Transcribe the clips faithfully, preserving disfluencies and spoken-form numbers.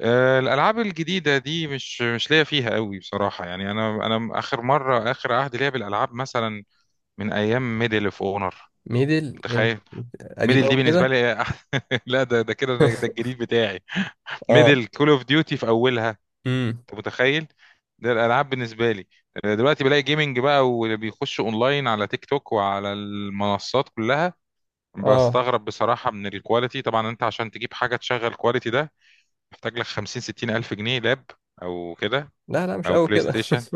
آه، الالعاب الجديده دي مش مش ليا فيها قوي بصراحه. يعني انا انا اخر مره، اخر عهد ليا بالالعاب مثلا من ايام ميدل اوف اونر. ميدل إيه؟ متخيل؟ قديم ميدل قوي دي بالنسبه كده. لي أح- لا، ده ده كده، ده ده الجديد بتاعي. اه. ميدل كول اوف ديوتي في اولها. امم. انت متخيل؟ ده الالعاب بالنسبه لي. آه، دلوقتي بلاقي جيمنج بقى، واللي بيخش اونلاين على تيك توك وعلى المنصات كلها. اه. بستغرب بصراحه من الكواليتي. طبعا انت عشان تجيب حاجه تشغل الكواليتي ده محتاج لك خمسين ستين الف جنيه لاب او كده، لا لا مش او قوي بلاي كده. ستيشن.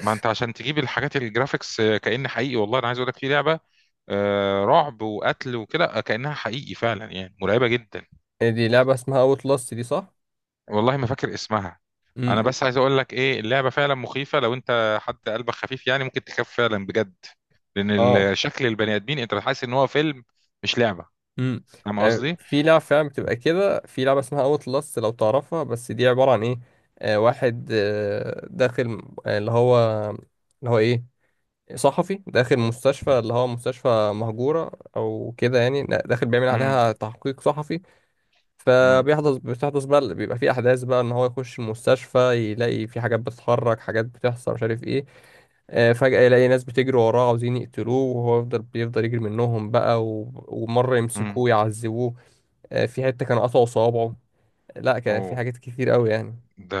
ما انت عشان تجيب الحاجات الجرافيكس آه، كأن حقيقي. والله انا عايز اقول لك في لعبه آه، رعب وقتل وكده، آه، كأنها حقيقي فعلا، يعني مرعبه جدا. دي لعبة اسمها اوت لاست، دي؟ صح؟ والله ما فاكر اسمها. انا امم. بس عايز اقول لك ايه، اللعبه فعلا مخيفه. لو انت حد قلبك خفيف يعني ممكن تخاف فعلا بجد، لان ال- اه. آه، شكل البني ادمين انت حاسس ان هو فيلم مش لعبه. امم. فاهم آه، قصدي؟ في لعبة فعلا بتبقى كده، في لعبة اسمها اوت لاست لو تعرفها، بس دي عبارة عن ايه. آه واحد آه داخل آه، اللي هو. اللي هو ايه؟ صحفي داخل مستشفى، اللي هو مستشفى مهجورة او كده يعني، داخل بيعمل امم. عليها تحقيق صحفي. امم. فبيحدث بتحدث بقى، بيبقى في احداث بقى ان هو يخش المستشفى، يلاقي في حاجات بتتحرك، حاجات بتحصل، مش عارف ايه. آه، فجأة يلاقي ناس بتجري وراه عاوزين يقتلوه، وهو يفضل بيفضل يجري منهم بقى و... ومرة امم. يمسكوه يعذبوه. آه، في حتة كان قطعوا صوابعه. لا، كان في اوه. حاجات كتير قوي يعني. ده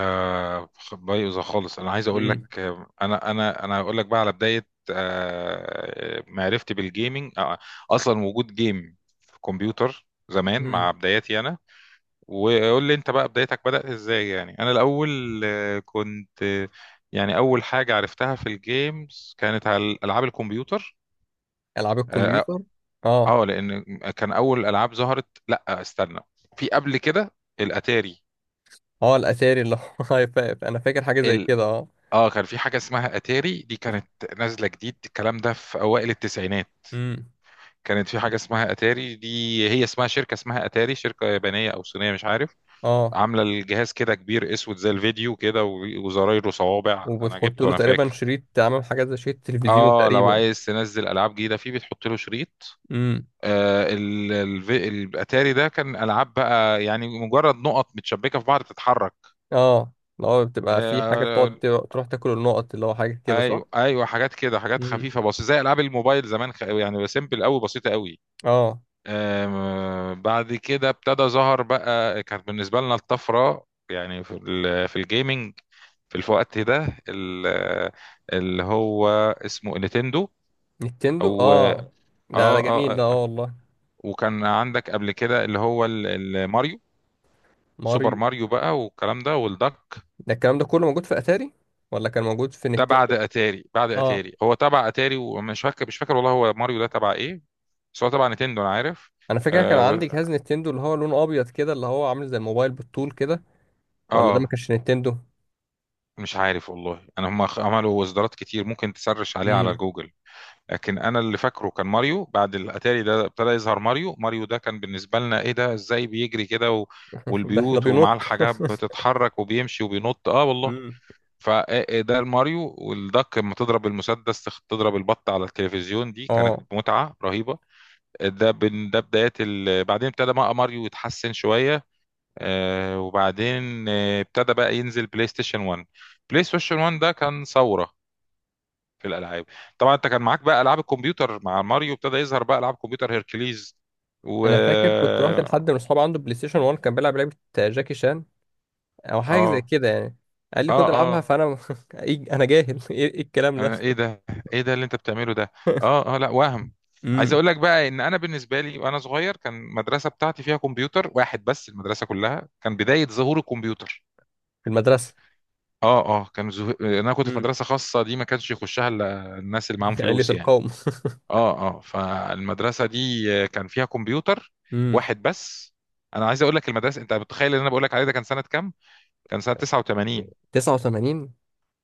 خ- بايظه خالص. انا عايز اقول لك امم. آه، انا، انا انا هقول لك بقى على بدايه آه، معرفتي بالجيمنج. آه، اصلا وجود جيم في كمبيوتر زمان امم. مع بداياتي انا. وقول لي انت بقى بدايتك بدات ازاي. يعني انا الاول آه، كنت، آه، يعني اول حاجه عرفتها في الجيمز كانت على العاب الكمبيوتر. العاب اه. آه، الكمبيوتر. اه. آه، لان كان اول العاب ظهرت، لا استنى، في قبل كده الاتاري. اه. الاتاري اللي هو هيفاقف، انا فاكر حاجة زي كده. اه. اه، كان في حاجة اسمها اتاري، دي كانت نازلة جديد. الكلام ده في اوائل التسعينات. امم. كانت في حاجة اسمها اتاري دي. هي اسمها شركة، اسمها اتاري، شركة يابانية او صينية مش عارف. اه. عاملة الجهاز كده كبير اسود زي الفيديو كده، و- وزرايره صوابع. انا وبتحط جبته، له انا تقريبا فاكر. شريط، عامل حاجة زي شريط تلفزيون اه، لو تقريبا. عايز تنزل العاب جديدة فيه بتحط له شريط. آه ال- ال- الاتاري ده كان العاب بقى، يعني مجرد نقط متشبكة في بعض تتحرك. اه، اللي هو بتبقى في حاجة آه، بتقعد تر- تروح تاكل النقط، اللي هو حاجة كده، صح؟ ايوه ايوه، حاجات كده، حاجات امم. خفيفه بس زي العاب الموبايل زمان. خ... يعني سيمبل قوي، بسيطه قوي. اه. آم... بعد كده ابتدى ظهر بقى، كانت بالنسبه لنا الطفره يعني في ال... في الجيمنج. في الوقت ده ال... اللي هو اسمه نينتندو. نينتندو. او، اه. اه. ده ده جميل، اه، ده آه. اه والله. وكان عندك قبل كده اللي هو ال- الماريو، سوبر ماريو. ماريو بقى والكلام ده والدك. ده الكلام ده كله موجود في اتاري ولا كان موجود في ده بعد نينتندو؟ اتاري، بعد اه، اتاري هو تبع اتاري، ومش فاكر مش فاكر والله، هو ماريو ده تبع ايه. بس هو طبعا نتندو انا عارف. انا فاكر كان اه، عندي ب- جهاز نينتندو اللي هو لونه ابيض كده، اللي هو عامل زي الموبايل بالطول كده. ولا ده ما آه، كانش نينتندو؟ مش عارف والله، انا هم خ- عملوا اصدارات كتير، ممكن تسرش عليها على امم. جوجل. لكن انا اللي فاكره كان ماريو. بعد الاتاري ده ابتدى يظهر ماريو. ماريو ده كان بالنسبه لنا ايه ده، ازاي بيجري كده و... ده ده والبيوت بينط. ومعاه الحاجات بتتحرك، وبيمشي وبينط. اه والله. امم. فده الماريو. والدك لما تضرب المسدس، تخ- تضرب البط على التلفزيون، دي كانت اه. متعه رهيبه. ده بن- ده بدايات ال... بعدين ابتدى بقى ماريو يتحسن شويه. آه، وبعدين آه، ابتدى بقى ينزل بلاي ستيشن واحد. بلاي ستيشن واحد ده كان ثورة في الألعاب. طبعا انت كان معاك بقى ألعاب الكمبيوتر. مع ماريو ابتدى يظهر بقى ألعاب كمبيوتر، هيركليز و... انا فاكر كنت رحت اه. لحد من اصحابي عنده بلاي ستيشن واحد، كان بيلعب لعبة جاكي شان او حاجه زي اه. كده يعني. قال لي خد العبها، اه. فانا إيه- انا جاهل. ايه إيه الكلام ده. آه، ايه ده، ايه ده اللي انت بتعمله ده. اه. اه. لا، وهم. عايز امم. اقول لك بقى ان انا بالنسبه لي وانا صغير، كان المدرسه بتاعتي فيها كمبيوتر واحد بس، المدرسه كلها. كان بدايه ظهور الكمبيوتر. في المدرسه. اه اه. كان زه... انا كنت في امم. مدرسه خاصه، دي ما كانش يخشها الا الناس اللي معاهم علة فلوس يعني. القوم. اه اه، فالمدرسه دي آه، كان فيها كمبيوتر امم. واحد بس. انا عايز اقول لك، المدرسه، انت متخيل اللي انا بقول لك عليه ده كان سنه كام؟ كان سنه تسعة وثمانين. تسعة وتمانين.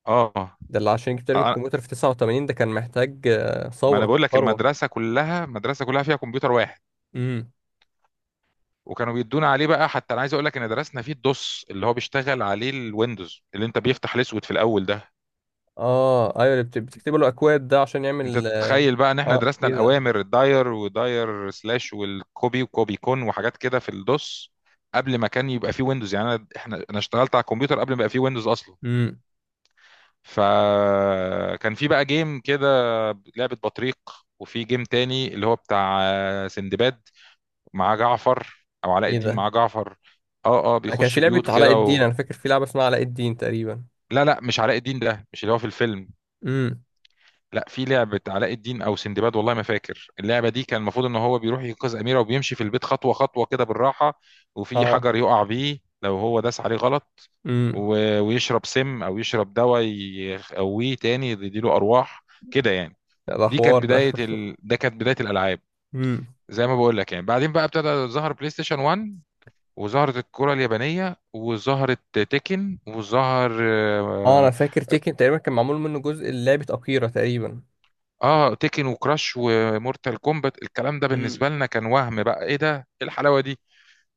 اه. آه، ده اللي عشان يجيب تقريبا آه، الكمبيوتر في تسعة وتمانين، ده كان محتاج آه، ما انا ثوره بقول لك، ثروه. المدرسه كلها، المدرسه كلها فيها كمبيوتر واحد. امم. وكانوا بيدونا عليه بقى. حتى انا عايز اقول لك ان درسنا فيه الدوس، اللي هو بيشتغل عليه الويندوز، اللي انت بيفتح الاسود في الاول ده. اه، ايوه، اللي بت- بتكتب له اكواد ده عشان انت يعمل. اه. تتخيل بقى ان احنا آه، درسنا ايه ده. الاوامر، الداير وداير سلاش والكوبي وكوبي كون وحاجات كده في الدوس، قبل ما كان يبقى فيه ويندوز. يعني انا، احنا انا اشتغلت على الكمبيوتر قبل ما يبقى فيه ويندوز اصلا. امم. فكان في بقى جيم كده، لعبة بطريق. وفي جيم تاني اللي هو بتاع آه، سندباد مع جعفر، او علاء ايه الدين ده؟ مع جعفر. اه اه، أنا كان في بيخش لعبه بيوت علاء كده الدين، و... انا فاكر في لعبه اسمها علاء الدين تقريبا. لا لا، مش علاء الدين، ده مش اللي هو في الفيلم. امم. لا، في لعبة علاء الدين أو سندباد والله ما فاكر اللعبة دي. كان المفروض إن هو بيروح ينقذ أميرة، وبيمشي في البيت خطوة خطوة كده بالراحة. وفي اه. حجر يقع بيه لو هو داس عليه غلط، امم. و- ويشرب سم أو يشرب دواء يقويه تاني، يديله أرواح كده يعني. ده دي حوار كانت ده. بداية ال... ده كانت بداية الألعاب. زي ما بقول لك يعني. بعدين بقى ابتدى ظهر بلاي ستيشن واحد، وظهرت الكرة اليابانية، وظهرت تيكن، وظهر اه، آه، انا فاكر تيكن تقريبا كان معمول منه جزء لعبة أكيرا تقريبا. اه تيكن وكراش ومورتال كومبات. الكلام ده امم. بالنسبه لنا كان وهم بقى، ايه ده، ايه الحلاوه دي.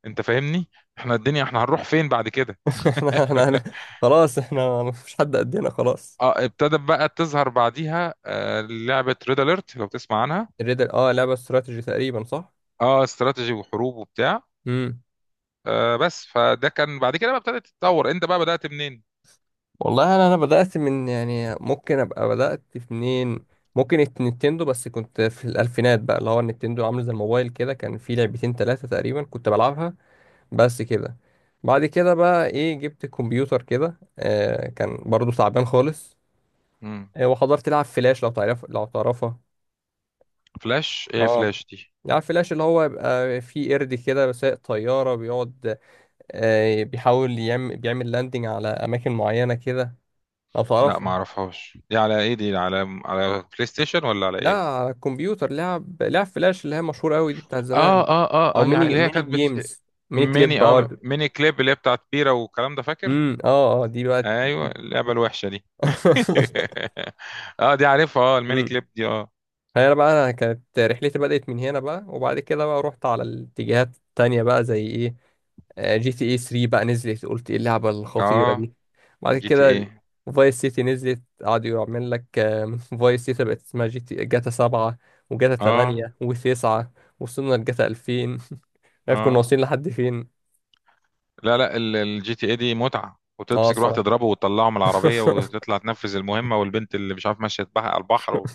انت فاهمني. احنا الدنيا، احنا هنروح فين بعد كده؟ احنا احنا هن- خلاص، احنا مفيش حد قدنا خلاص. اه، ابتدت بقى تظهر بعديها آه لعبه ريد اليرت لو تسمع عنها. الريدل، اه، لعبة استراتيجي تقريبا، صح؟ اه، استراتيجي وحروب وبتاع. امم. آه بس فده كان بعد كده بقى ابتدت تتطور. انت بقى بدأت منين؟ والله، انا انا بدأت من، يعني ممكن ابقى بدأت في منين. ممكن الت- نينتندو. بس كنت في الألفينات بقى، اللي هو النينتندو عامل زي الموبايل كده، كان في لعبتين ثلاثة تقريبا كنت بلعبها. بس كده. بعد كده بقى ايه، جبت كمبيوتر كده آه كان برضو تعبان خالص. مم. آه وحضرت لعب فلاش، لو تعرف لو تعرفها. فلاش ايه، اه، فلاش دي؟ عارف، فلاش اللي هو يبقى فيه قرد كده سايق طيارة، بيقعد آه، بيحاول يعمل بيعمل لاندنج على أماكن معينة كده. لو لا ما تعرفها. اعرفهاش. دي على ايه، دي على، على بلاي ستيشن ولا على لا، ايه؟ على الكمبيوتر، لعب لعب فلاش اللي هي مشهورة أوي دي، بتاعت اه زمان. اه اه أو اه، يعني ميني اللي هي ميني كانت بت... جيمز، ميني كليب ميني اه ارت. ميني كليب اللي هي بتاعت بيرة والكلام ده، فاكر؟ امم. اه. اه. دي بقى. ايوه، دي. اللعبه الوحشه دي. اه دي عارفها، اه، الميني كليب دي. اه. هي بقى، انا كانت رحلتي بدأت من هنا بقى، وبعد كده بقى رحت على الاتجاهات التانية بقى، زي ايه. آه، جي تي اي تلاتة بقى، نزلت قلت ايه اللعبة الخطيرة اه، دي. بعد جي تي ايه. كده فايس سيتي نزلت، قعدوا يعمل لك فايس سيتي. بقت اسمها جي تي جاتا سبعة وجاتا اه ثمانية و9، وصلنا لجاتا ألفين. عارف كنا اه، واصلين لحد فين؟ لا لا، الجي تي ايه دي متعه، اه، وتمسك روح الصراحة. تضربه وتطلعه من العربيه، وتطلع تنفذ المهمه، والبنت اللي مش عارف ماشيه بحق على البحر و...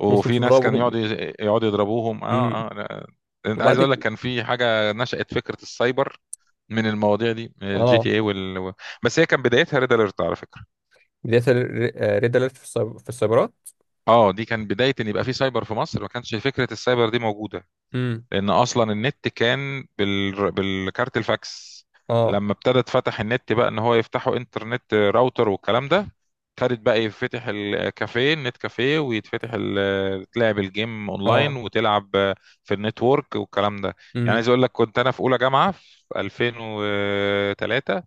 وفي ناس كان يقعد وتضربهم. يقعدوا يضربوهم. اه امم. اه. لا. انت عايز وبعد اقول لك، كده. كان في حاجه نشأت فكره السايبر من المواضيع دي، من الجي اه، تي اي وال... بس هي كان بدايتها ريد اليرت على فكره. بداية ريد اليرت في السايب- في السايبرات. اه، دي كان بداية ان يبقى في سايبر في مصر. ما كانش فكرة السايبر دي موجودة، امم. لان اصلا النت كان بال... بالكارت الفاكس. اه. لما ابتدى اتفتح النت بقى، ان هو يفتحوا انترنت راوتر والكلام ده، ابتدت بقى يفتح الكافيه، النت كافيه، ويتفتح ال... تلعب الجيم اونلاين، اه. وتلعب في النتورك والكلام ده. يعني عايز اقول لك، كنت انا في اولى جامعة في الفين وتلاته.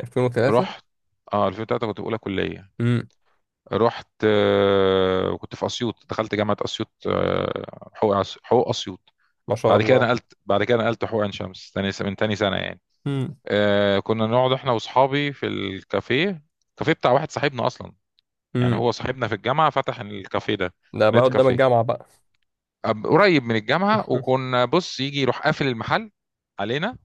ألفين وتلاتة. رحت. اه، الفين وتلاته كنت في اولى كلية. امم. رحت، آه، وكنت في اسيوط، دخلت جامعه اسيوط. آه، حقوق، أس- حقوق اسيوط. ما شاء بعد كده الله. نقلت، بعد كده نقلت حقوق عين شمس تاني س- من تاني سنه يعني. امم. آه، كنا نقعد احنا واصحابي في الكافيه. الكافيه بتاع واحد صاحبنا اصلا. يعني امم. هو صاحبنا في الجامعه، فتح الكافيه ده، ده بقى. نت قدام كافيه الجامعة بقى. أب- قريب من الجامعه. وكنا بص يجي يروح قافل المحل علينا،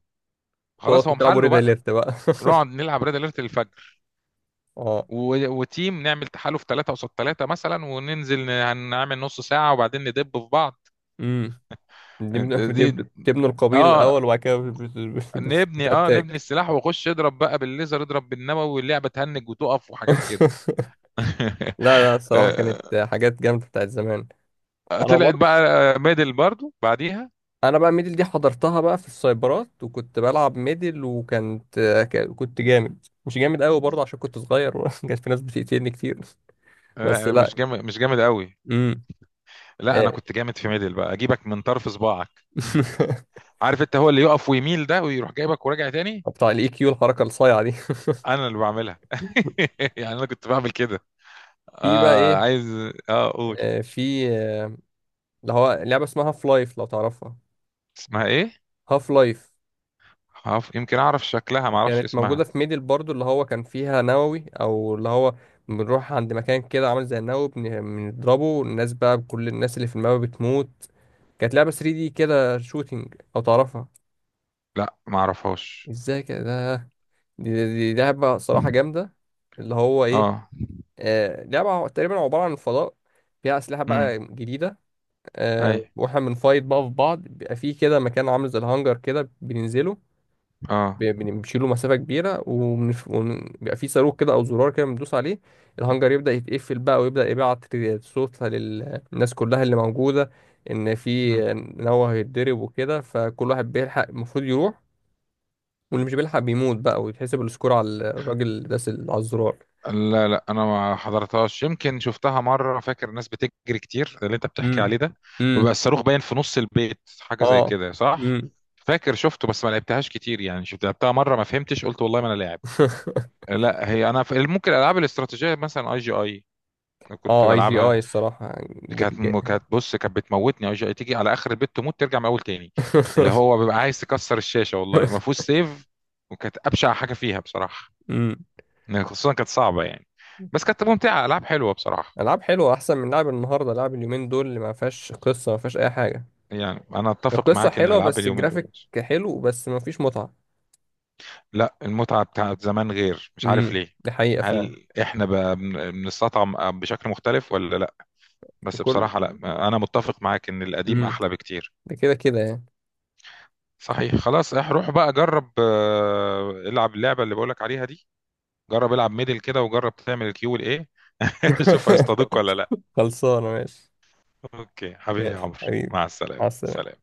تقعد خلاص هو تلعبوا محله ريد بقى. اليرت بقى. نقعد نلعب ريد اليرت الفجر اه. و... وتيم، نعمل تحالف ثلاثة قصاد ثلاثة مثلا، وننزل، ن- هنعمل نص ساعة، وبعدين ندب في بعض. امم. بنبنوا دي، بنبنوا- بتبنوا القبيل اه، الأول، وبعد كده بت- بت- بت- نبني اه نبني بتأتاك. السلاح، واخش اضرب بقى بالليزر، اضرب بالنووي، واللعبه تهنج وتقف وحاجات كده. لا لا، الصراحة آه، كانت حاجات جامدة بتاعت زمان. أنا طلعت برضه. بقى ميدل برضو بعديها. أنا بقى، ميدل دي حضرتها بقى في السايبرات، وكنت بلعب ميدل وكانت، ك- كنت جامد، مش جامد قوي برضه عشان كنت صغير. كانت في ناس بتقتلني كتير. آه، بس أنا مش لا. جامد، مش جامد قوي. امم. لا، انا آه. كنت جامد في ميدل بقى، اجيبك من طرف صباعك. عارف انت هو اللي يقف ويميل ده، ويروح جايبك وراجع تاني. بتاع الاي كيو، الحركه الصايعه دي. انا اللي بعملها. يعني انا كنت بعمل كده. في بقى اه، ايه. عايز. اه، اقول. آه، في آه، اللي هو لعبه اسمها هاف لايف، لو تعرفها. اسمها ايه؟ هاف لايف. عارف يمكن اعرف شكلها، ما اعرفش كانت موجوده اسمها. في ميدل برضو، اللي هو كان فيها نووي او اللي هو بنروح عند مكان كده عامل زي النووي، بن- بنضربه الناس بقى، كل الناس اللي في الماب بتموت. كانت لعبه تلاتة دي كده، شوتينج، لو تعرفها. لا، ما اعرفهاش. ازاي كده ده- دي, دي, دي لعبه صراحه جامده. اللي هو ايه؟ اه. آه، لعبه تقريبا عباره عن فضاء، فيها اسلحه امم. بقى جديده. اي. آه واحنا بنفايت بقى في بعض، بيبقى في كده مكان عامل زي الهانجر كده، بننزله. اه. بي- بنشيله مسافة كبيرة، وبنف- وبيبقى في صاروخ كده أو زرار كده بندوس عليه. الهانجر يبدأ يتقفل بقى، ويبدأ يبعت صوت للناس كلها اللي موجودة، إن في مم. إن هو هيتضرب وكده، فكل واحد بيلحق المفروض يروح. واللي مش بيلحق بيموت بقى، ويتحسب السكور على الراجل اللي داس ال- على الزرار. لا لا، انا ما حضرتهاش. يمكن شفتها مره، فاكر الناس بتجري كتير اللي انت بتحكي امم. عليه ده، وبقى امم. الصاروخ باين في نص البيت، حاجه زي اه. كده، صح؟ امم. فاكر شفته بس ما لعبتهاش كتير يعني، شفت لعبتها مره ما فهمتش، قلت والله ما انا لاعب. لا هي، انا في ممكن العاب الاستراتيجيه مثلا اي جي اي كنت اه، اي جي بلعبها. اي الصراحة. كانت جبت. م- كانت، بص، كانت بتموتني. اي جي اي تيجي على اخر البيت تموت، ترجع من اول تاني. اللي هو بيبقى عايز تكسر الشاشه، والله ما فيهوش سيف. وكانت ابشع حاجه فيها بصراحه. امم. يعني خصوصا كانت صعبة يعني، بس كانت ممتعة، ألعاب حلوة بصراحة. العاب حلوه احسن من لعب النهارده، لعب اليومين دول اللي ما فيهاش قصه، ما فيهاش اي حاجه. يعني أنا أتفق القصه معاك إن حلوه ألعاب بس، اليومين دول، الجرافيك حلو بس ما فيش متعه. لا، المتعة بتاعت زمان غير، مش عارف امم. ليه. دي حقيقه فعلا. هل إحنا بقى بن- بنستطعم بشكل مختلف ولا لا؟ بس كل. بصراحة لا. أنا متفق معاك إن القديم امم. أحلى بكتير. ده كده كده يعني. صحيح. خلاص، إح روح بقى جرب، آه، العب اللعبة اللي بقولك عليها دي. جرب العب ميدل كده، وجرب تعمل الكيو والإيه. شوف هيصطادوك ولا لا. خلصانه، ماشي. أوكي حبيبي يا ماشي عمرو، حبيبي. مع مع السلامة، السلامه. سلام.